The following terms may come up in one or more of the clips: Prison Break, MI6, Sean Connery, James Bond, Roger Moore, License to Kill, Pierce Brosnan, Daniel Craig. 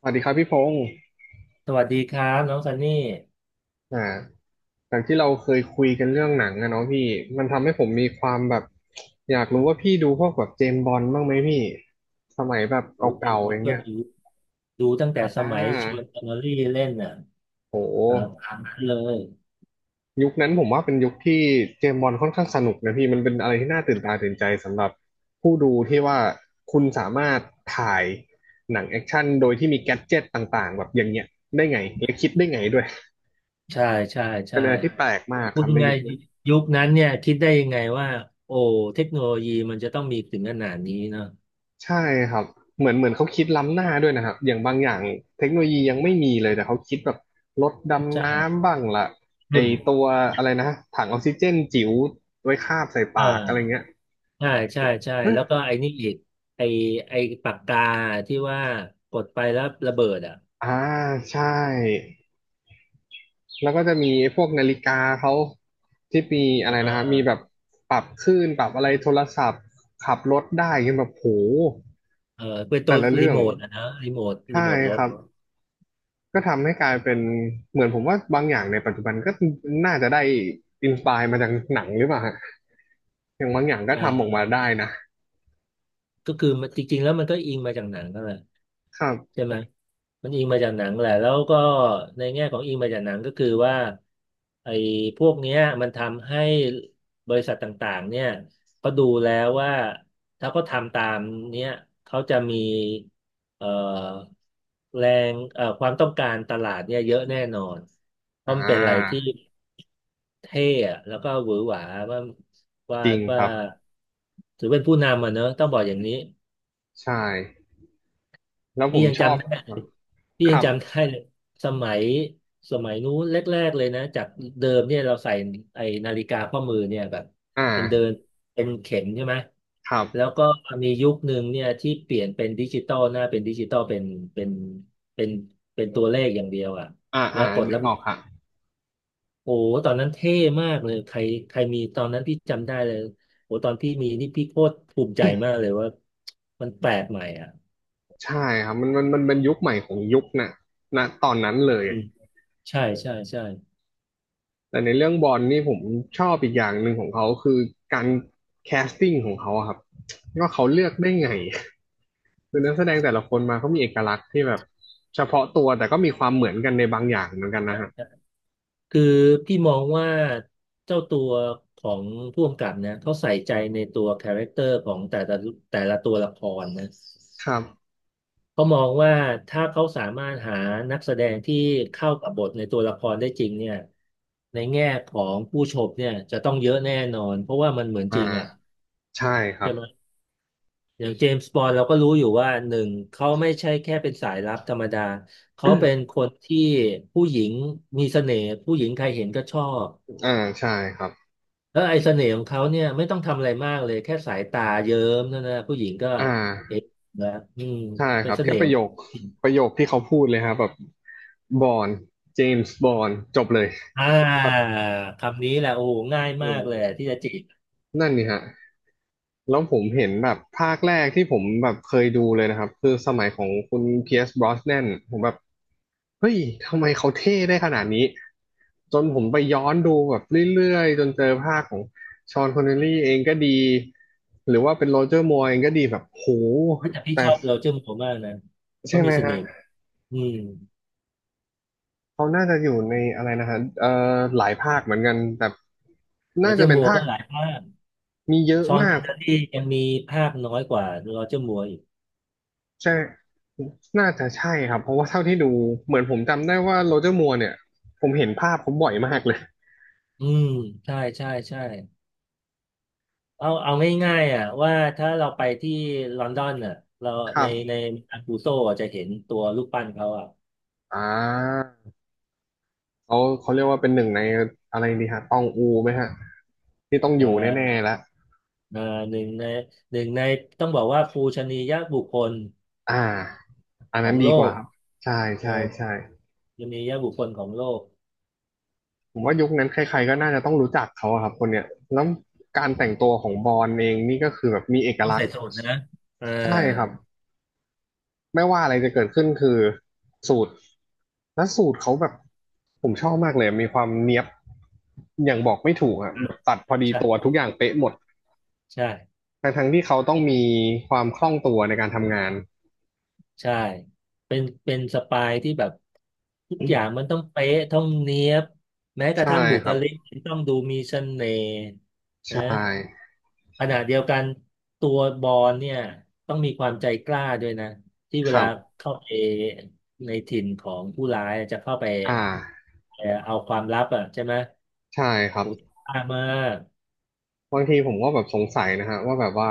สวัสดีครับพี่พงศ์สวัสดีครับน้องซันนี่อ่าจากที่เราเคยคุยกันเรื่องหนังอะเนาะพี่ มันทำให้ผมมีความแบบ อยากรู้ว่าพี่ดูพวกแบบเจมส์บอนด์บ้างไหมพี่ สมัยแบบโอ้เอ็เก่ามๆออสย่างก็เงี้ยดูตั้งแต่สอ่ามัยชวนแอนอรี่เล่นน่ะโตามห ตามนั้นเลยยุคนั้นผมว่าเป็นยุคที่เจมส์บอนด์ค่อนข้างสนุกนะพี่ มันเป็นอะไรที่น่าตื่นตาตื่นใจสำหรับผู้ดูที่ว่าคุณสามารถถ่ายหนังแอคชั่นโดยที่มีแกดเจ็ตต่างๆแบบอย่างเงี้ยได้ไงและคิดได้ไงด้วยใช่ใช่เป็ใช่นอะไรที่แปลกมากพูคดรับยัในงไงยุคนั้น ยุคนั้นเนี่ยคิดได้ยังไงว่าโอ้เทคโนโลยีมันจะต้องมีถึงขนาดนี้เนาะใช่ครับเหมือนเขาคิดล้ำหน้าด้วยนะครับอย่างบางอย่างเทคโนโลยียังไม่มีเลยแต่เขาคิดแบบรถดำใช่น้ำบ้างล่ะไออืมตัวอะไรนะถังออกซิเจนจิ๋วไว้คาบใส่เอปากอะอไรเงี้ยใช่ใช่เอ๊ะแล้วก็ไอ้นี่อีกไอ้ไอ้ปากกาที่ว่ากดไปแล้วระเบิดอ่ะอ่าใช่แล้วก็จะมีไอ้พวกนาฬิกาเขาที่มีอะไรอ่นะครับมีแบบาปรับคลื่นปรับอะไรโทรศัพท์ขับรถได้เงี้ยแบบโหเออเป็นตัแต่วละรีเรื่อโมงทอ่ะนะรีโมทใช่รีโมทรคถรับ ก็ทำให้กลายเป็นเหมือนผมว่าบางอย่างในปัจจุบันก็น่าจะได้อินสปายมาจากหนังหรือเปล่าฮะอย่างบางอย่างเก็ทำออกมาออ ได้นะก็คือมันจริงๆแล้วมันก็อิงมาจากหนังก็แหละครัใช่บไหมมันอิงมาจากหนังแหละแล้วก็ในแง่ของอิงมาจากหนังก็คือว่าไอ้พวกเนี้ยมันทำให้บริษัทต่างๆเนี่ยเขาดูแล้วว่าถ้าเขาทำตามเนี้ยเขาจะมีเอ่อแรงความต้องการตลาดเนี่ยเยอะแน่นอนเพอ่ราะมันเป็นอะไรที่าเท่อะแล้วก็หวือหวาว่าว่าจริงคว่ารับถือเป็นผู้นำอ่ะเนอะต้องบอกอย่างนี้ ใช่แล้วผพี่มยังชอบจำได้พี่คยังรัจำบได้เลยสมัยสมัยนู้นแรกๆเลยนะจากเดิมเนี่ยเราใส่ไอ้นาฬิกาข้อมือเนี่ยแบบอ่มันเดินาเป็นเข็มใช่ไหมครัแล้วบก็มียุคหนึ่งเนี่ยที่เปลี่ยนเป็นดิจิตอลหน้าเป็นดิจิตอลเป็นเป็นเป็นตัวเลขอย่างเดียวอ่ะอ่าแล้อ่าวกดนึแล้กวออกครับโอ้โหตอนนั้นเท่มากเลยใครใครมีตอนนั้นพี่จำได้เลยโอ้โหตอนพี่มีนี่พี่โคตรภูมิใจมากเลยว่ามันแปลกใหม่อ่ะใช่ครับมันเป็นยุคใหม่ของยุคน่ะนะตอนนั้นเลยอืมใช่ใช่ใช่ แต่ในเรื่องบอลนี่ผมชอบอีกอย่างหนึ่งของเขาคือการแคสติ้งของเขาอะครับว่าเขาเลือกได้ไง คือนักแสดงแต่ละคนมาเขามีเอกลักษณ์ที่แบบเฉพาะตัวแต่ก็มีความเหมือนกันในบางอย่างเหมือนกันนะฮะคือพี่มองว่าเจ้าตัวของผู้กำกับเนี่ยเขาใส่ใจในตัวคาแรคเตอร์ของแต่ละตัวละครนะครับเขามองว่าถ้าเขาสามารถหานักแสดงที่เข้ากับบทในตัวละครได้จริงเนี่ยในแง่ของผู้ชมเนี่ยจะต้องเยอะแน่นอนเพราะว่ามันเหมือนอ่าจริงอ่ะใช่ครัใช่บไหมอย่างเจมส์บอนด์เราก็รู้อยู่ว่าหนึ่งเขาไม่ใช่แค่เป็นสายลับธรรมดาเขาเป็นคนที่ผู้หญิงมีเสน่ห์ผู้หญิงใครเห็นก็ชอบ อ่าใช่ครับแล้วไอ้เสน่ห์ของเขาเนี่ยไม่ต้องทำอะไรมากเลยแค่สายตาเยิ้มเท่านั้นนะผู้หญิงก็อ่าเอ๊ะนะอืมใช่คเป็นรับเสแค่น่ห์ปขระอโยงคผู้หญิงที่เขาพูดเลยครับแบบบอนเจมส์บอนจบเลยอ่แบาบคำนี้แหละโอ้โหง่ายมาโอ้กเลยที่จะจีบนั่นนี่ฮะ แล้วผมเห็นแบบภาคแรกที่ผมแบบเคยดูเลยนะครับคือสมัยของคุณเพียร์สบร osnan นนผมแบบเฮ้ยทำไมเขาเท่ได้ขนาดนี้จนผมไปย้อนดูแบบเรื่อยๆจนเจอภาคของชอนคอนเนลลี่เองก็ดีหรือว่าเป็นโรเจอร์มัวร์เองก็ดีแบบโหเฮ้ยแต่พี่แต่ชอบโรเจอร์มัวร์มากนะใช่เขาไหมมีเสฮะน่ห์อืมเขาน่าจะอยู่ในอะไรนะฮะหลายภาคเหมือนกันแต่โรน่าเจอจะร์เป็นมัวร์ภาก็คหลายภาคมีเยอะชอนมาพัก นเนอรี่ยังมีภาคน้อยกว่าโรเจอร์มัวร์อีกใช่น่าจะใช่ครับเพราะว่าเท่าที่ดูเหมือนผมจำได้ว่าโรเจอร์มัวร์เนี่ยผมเห็นภาพเขาบ่อยมากเลยอืมใช่ใช่ใช่เอาง่ายๆอ่ะว่าถ้าเราไปที่ลอนดอนอ่ะเราครัในบในอันกูโซอ่ะจะเห็นตัวรูปปั้นเขาอ่ะอ่าเขาเรียกว่าเป็นหนึ่งในอะไรดีฮะตองอูไหมฮะที่ต้องอเอ่ยู่แน่อ ๆแล้วเอ่อหนึ่งในหนึ่งในต้องบอกว่าปูชนียบุคคลอ่าอันขอนั้นงโลดีกว่ากครับใช่เออใช่ใช่ชนียบุคคลของโลกผมว่ายุคนั้นใครๆก็น่าจะต้องรู้จักเขาอะครับคนเนี้ยแล้วการแต่งตัวของบอนเองนี่ก็คือแบบมีเอกต้องลักษใส่ณ์สูทนะอ่าใช่ครับ ไม่ว่าอะไรจะเกิดขึ้นคือสูตรและสูตรเขาแบบผมชอบมากเลยมีความเนียบอย่างบอกไม่ถูกอ่ะอ่ะแบบตัดพอดีใช่ตัวทุกอย่างเป๊ะหมดใช่ทั้งที่เขาต้องมีความคล่องตัวในการทำงานใช่เป็นสปายที่แบบทุกอย่างมันต้องเป๊ะต้องเนี๊ยบแม้กระใช่ทั่งบุคครับลิกต้องดูมีเสน่ห์นะ ใช่ขณะเดียวกันตัวบอลเนี่ยต้องมีความใจกล้าด้วยนะที่เวครัลาบเข้าไปในถิ่นของผู้ร้ายจะเข้าไปอ่าเอาความลับอ่ะใช่ไหมใช่ครัโหบ กล้ามากบางทีผมก็แบบสงสัยนะฮะว่าแบบว่า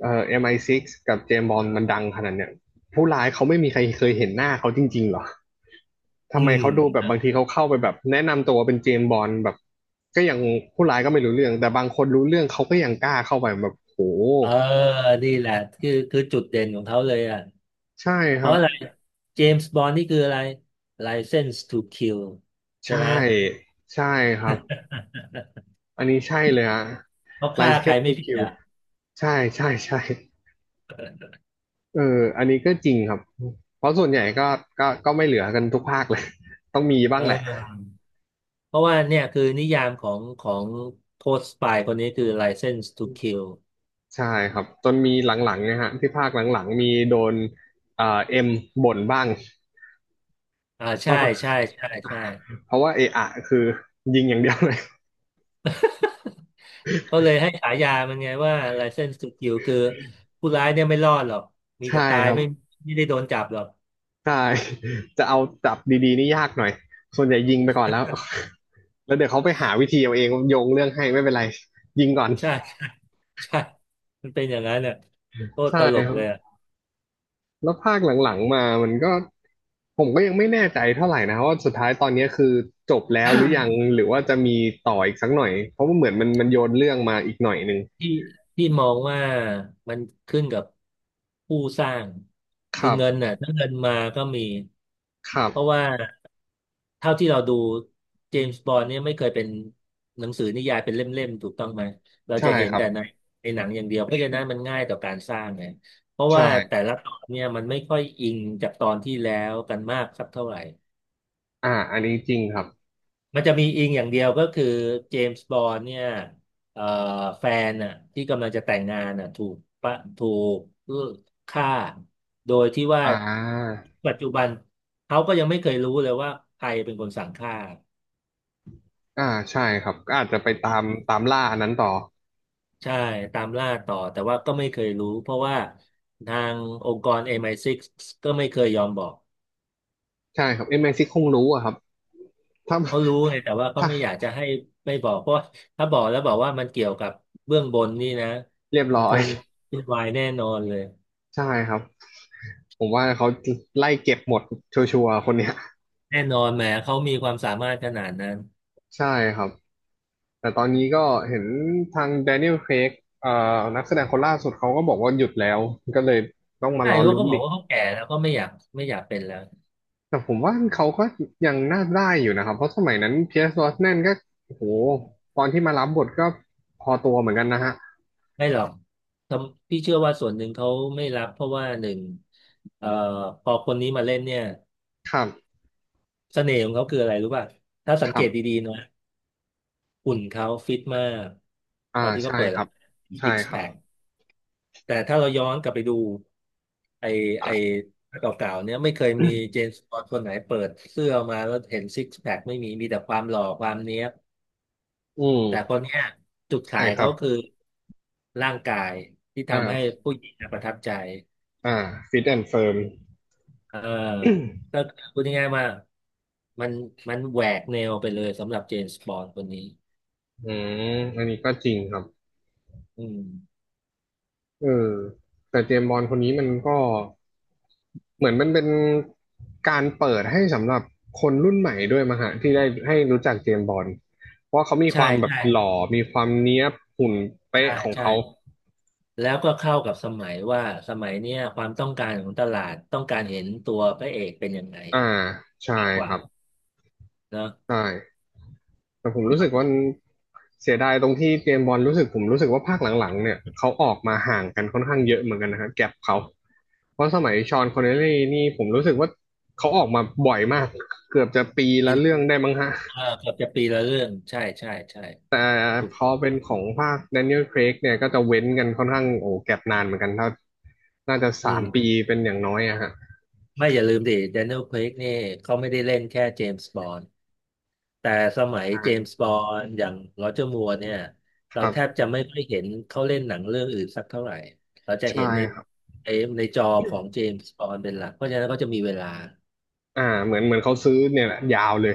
MI6 กซ์กับเจมส์บอนด์มันดังขนาดเนี้ยผู้ร้ายเขาไม่มีใครเคยเห็นหน้าเขาจริงๆเหรออืทำไมเขาดูแบบบางมทีเขาเข้าไปแบบแนะนำตัวเป็นเจมส์บอนด์แบบก็ยังผู้ร้ายก็ไม่รู้เรื่องแต่บางคนรู้เรื่องเขาก็ยังกล้าเข้าไปแบบโหเออนี่แหละคือจุดเด่นของเขาเลยอ่ะใช่คเพรัราะบอะไรเจมส์บอนด์นี่คืออะไร License to Kill ใช่ใช่ไหม ใช่ครับ อันนี้ใช่เลยฮะเขาไลฆ่าเซใครนส์ไม่ทูผิดคิวอ่ะใช่ใช่ใช่เอออันนี้ก็จริงครับ เพราะส่วนใหญ่ก็ก็ไม่เหลือกันทุกภาคเลย ต้องมีบ้าเองแหละอ เพราะว่าเนี่ยคือนิยามของโค้ชสปายคนนี้คือ License to Kill ใช่ครับจนมีหลังๆเนะฮะที่ภาคหลังๆมีโดนเอ็มบ่นบ้างอ่าใช่ว่าใช่ใช่ใช่เพราะว่าเอะอะคือยิงอย่างเดียวเลย เขาเลยให้ฉายามันไงว่า License to Kill คือผู้ร้ายเนี่ยไม่รอดหรอก มีใช่แต่ตายครับไม่ได้โดนจับหรอกใช่จะเอาจับดีๆนี่ยากหน่อยส่วนใหญ่ยิงไปก่อนแล้ว แล้วเดี๋ยวเขาไปหาวิธีเอาเองโยงเรื่องให้ไม่เป็นไรยิงก่อนใช่ใช่มันเป็นอย่างนั้นน่ะโคตรใช่ตลกครัเลบ ยอ่ะ แล้วภาคหลังๆมามันก็ผมก็ยังไม่แน่ใจเท่าไหร่นะว่าสุดท้ายตอนนี้คือจบแล้วหรือยัง หรือว่าจะมีต่ออีกสักหน่อยเพราะว่าเหมือนมันโยนเรื่องมาอีกหน่อยหนึ่งที่ที่มองว่ามันขึ้นกับผู้สร้างคคือรับเงินน่ะถ้าเงินมาก็มีครับเพราะว่า เท่าที่เราดูเจมส์บอนด์เนี่ยไม่เคยเป็นหนังสือนิยายเป็นเล่มๆถูกต้องไหมเราใช่จะเห็คนรับแต่ในหนังอย่างเดียวเพราะฉะนั้นมันง่ายต่อการสร้างไงเพราะใช่ว่าแต่ละตอนเนี่ยมันไม่ค่อยอิงจากตอนที่แล้วกันมากสักเท่าไหร่อันนี้จริงครับมันจะมีอิงอย่างเดียวก็คือเจมส์บอนด์เนี่ยเอ่อแฟนน่ะที่กำลังจะแต่งงานน่ะถูกฆ่าโดยที่ว่าอ่าปัจจุบันเขาก็ยังไม่เคยรู้เลยว่าใครเป็นคนสั่งฆ่า อ่าใช่ครับก็อาจจะไปตามตามล่าอันนั้นต่อใช่ตามล่าต่อแต่ว่าก็ไม่เคยรู้เพราะว่าทางองค์กร MI6 กซ์ก็ไม่เคยยอมบอกใช่ครับเอ็ยแม็กซิคงรู้อะครับถ้าเขารู้ไงแต่ว่าเขาถ้าไม่อยากจะให้ไม่บอกเพราะว่าถ้าบอกแล้วบอกว่ามันเกี่ยวกับเบื้องบนนี่นะเรียบมัร้นอคยงวุ่นวายแน่นอนเลยใช่ครับผมว่าเขาไล่เก็บหมดชัวร์ๆคนเนี้ยแน่นอนแหมเขามีความสามารถขนาดนั้นใช่ครับ แต่ตอนนี้ก็เห็นทางแดเนียลเครกเอ่อนักแสดงคนล่าสุดเขาก็บอกว่าหยุดแล้ว ก็เลยต้องมาใช่รอเขาลุ้ก็นบอกอีก ว่าเขาแก่แล้วก็ไม่อยากเป็นแล้วแต่ผมว่าเขาก็ยังน่าได้อยู่นะครับ เพราะสมัยนั้นเพียร์สบรแนนก็โอ้โหตอนที่มารับบทก็พอตัวเหมือนกันนะฮะ ไม่หรอกทำพี่เชื่อว่าส่วนหนึ่งเขาไม่รับเพราะว่าหนึ่งเอ่อพอคนนี้มาเล่นเนี่ยครับเสน่ห์ของเขาคืออะไรรู้ป่ะถ้าสัคงเกรัตบดีๆนะ หุ่นเขาฟิตมากอ่าตอนที่เขาใช่เปิดครับ ใช่ซิกคแพรัคบ แต่ถ้าเราย้อนกลับไปดูไอไอเก่าๆเนี่ยไม่เคยมีเจมส์บอนด์คนไหนเปิดเสื้อมาแล้วเห็นซิกแพคไม่มีมีแต่ความหล่อความเนี้ยบอืแต่คมนเนี้ยจุดใช่ขายครัเขาบคือร่างกายที่ทำให้อ่าผู้หญิงน่ะประทับใจอ่าฟิตแอนด์เฟิร์มเออก็พูดง่ายๆว่ามันมันแหวกแนวไปเลยสำหรับเจมส์บอนด์คนนี้อืมอันนี้ก็จริงครับ อืมเออแต่เจมส์บอนด์คนนี้มันก็เหมือนมันเป็นการเปิดให้สำหรับคนรุ่นใหม่ด้วยมางฮะที่ได้ให้รู้จักเจมส์บอนด์เพราะเขามีคใช่วามแบบใช่หล่อมีความเนี้ยบหุ่นเป๊ะใช่ของใช่ เขาแล้วก็เข้ากับสมัยว่าสมัยเนี้ยความต้องการของตลาดต้องการเห็นตัวพระเอกเป็นยังไงอ่าใช่มากกคว่ารับเนาะใช่ แต่ผมรู้สึกว่าเสียดายตรงที่เจมส์บอลรู้สึกผมรู้สึกว่าภาคหลังๆเนี่ยเขาออกมาห่างกันค่อนข้างเยอะเหมือนกันนะครับแก็บเขาเพราะสมัยชอนคอนเนลลี่นี่ผมรู้สึกว่าเขาออกมาบ่อยมากเกือบจะปีปีละนี้เรื่องได้มั้งฮะเออเกือบจะปีละเรื่องใช่ใช่ใช่แต่ถูกพอเป็นของภาคแดเนียลเครกเนี่ยก็จะเว้นกันค่อนข้างโอ้แก็บนานเหมือนกันถ้าน่าจะอืสามมปีเป็นอย่างน้อยอะฮะไม่อย่าลืมดิแดเนียล Craigนี่เขาไม่ได้เล่นแค่เจมส์บอนด์แต่สมัยอ่าเจมส์บอนด์อย่างโรเจอร์มัวร์เนี่ยคเรารัแทบบจะไม่ค่อยเห็นเขาเล่นหนังเรื่องอื่นสักเท่าไหร่เราจะใช่เห็นในครับในในจอของเจมส์บอนด์เป็นหลักเพราะฉะนั้นก็จะมีเวลา อ่าเหมือนเขาซื้อเนี่ยแหละยาวเลย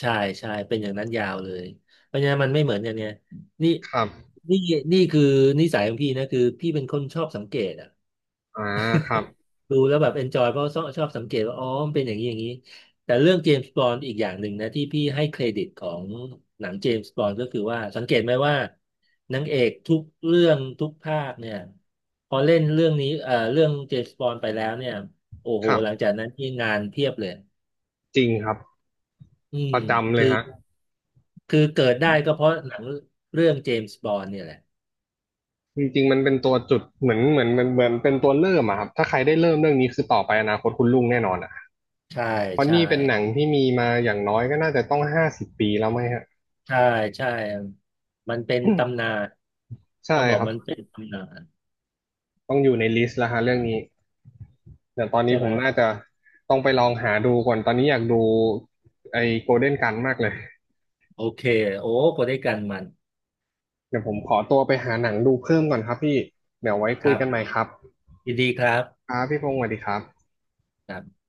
ใช่ใช่เป็นอย่างนั้นยาวเลยเพราะฉะนั้นมันไม่เหมือนอย่างเนี้ยนี่ครับนี่นี่คือนิสัยของพี่นะคือพี่เป็นคนชอบสังเกตอะอ่าครับดูแล้วแบบเอนจอยเพราะชอบสังเกตว่าอ๋อมันเป็นอย่างนี้อย่างนี้แต่เรื่องเจมส์บอนด์อีกอย่างหนึ่งนะที่พี่ให้เครดิตของหนังเจมส์บอนด์ก็คือว่าสังเกตไหมว่านางเอกทุกเรื่องทุกภาคเนี่ยพอเล่นเรื่องนี้เรื่องเจมส์บอนด์ไปแล้วเนี่ยโอ้โหครับหลังจากนั้นที่งานเพียบเลยจริงครับอืปมระจำเลคืยอ ฮะ คือเกิดได้ก็เพราะหนังเรื่องเจมส์บอนด์เนี่ยแหละจริงๆมันเป็นตัวจุดเหมือนเหมือนเหมือนเหมือนเป็นตัวเริ่มอะครับถ้าใครได้เริ่มเรื่องนี้คือต่อไปอนาคตคุณรุ่งแน่นอนอะใช่เพราะใช่นี่เป็นหนังที่มีมาอย่างน้อยก็น่าจะต้อง50 ปีแล้วไหมฮะใช่ใช่มันเป็นตำนาใช่นต้องบอกครับมันเป็นตำนานต้องอยู่ในลิสต์แล้วฮะเรื่องนี้เดี๋ยวตอนใช่นี้ผไหมมน่าจะต้องไปลองหาดูก่อนตอนนี้อยากดูไอ้โกลเด้นกันมากเลยโอเคโอ้ก็ได้กันมันเดี๋ยวผมขอตัวไปหาหนังดูเพิ่มก่อนครับพี่เดี๋ยวไว้คคุยรักันใหม่บครับยินดีครับครับพี่พงศ์สวัสดีครับครับ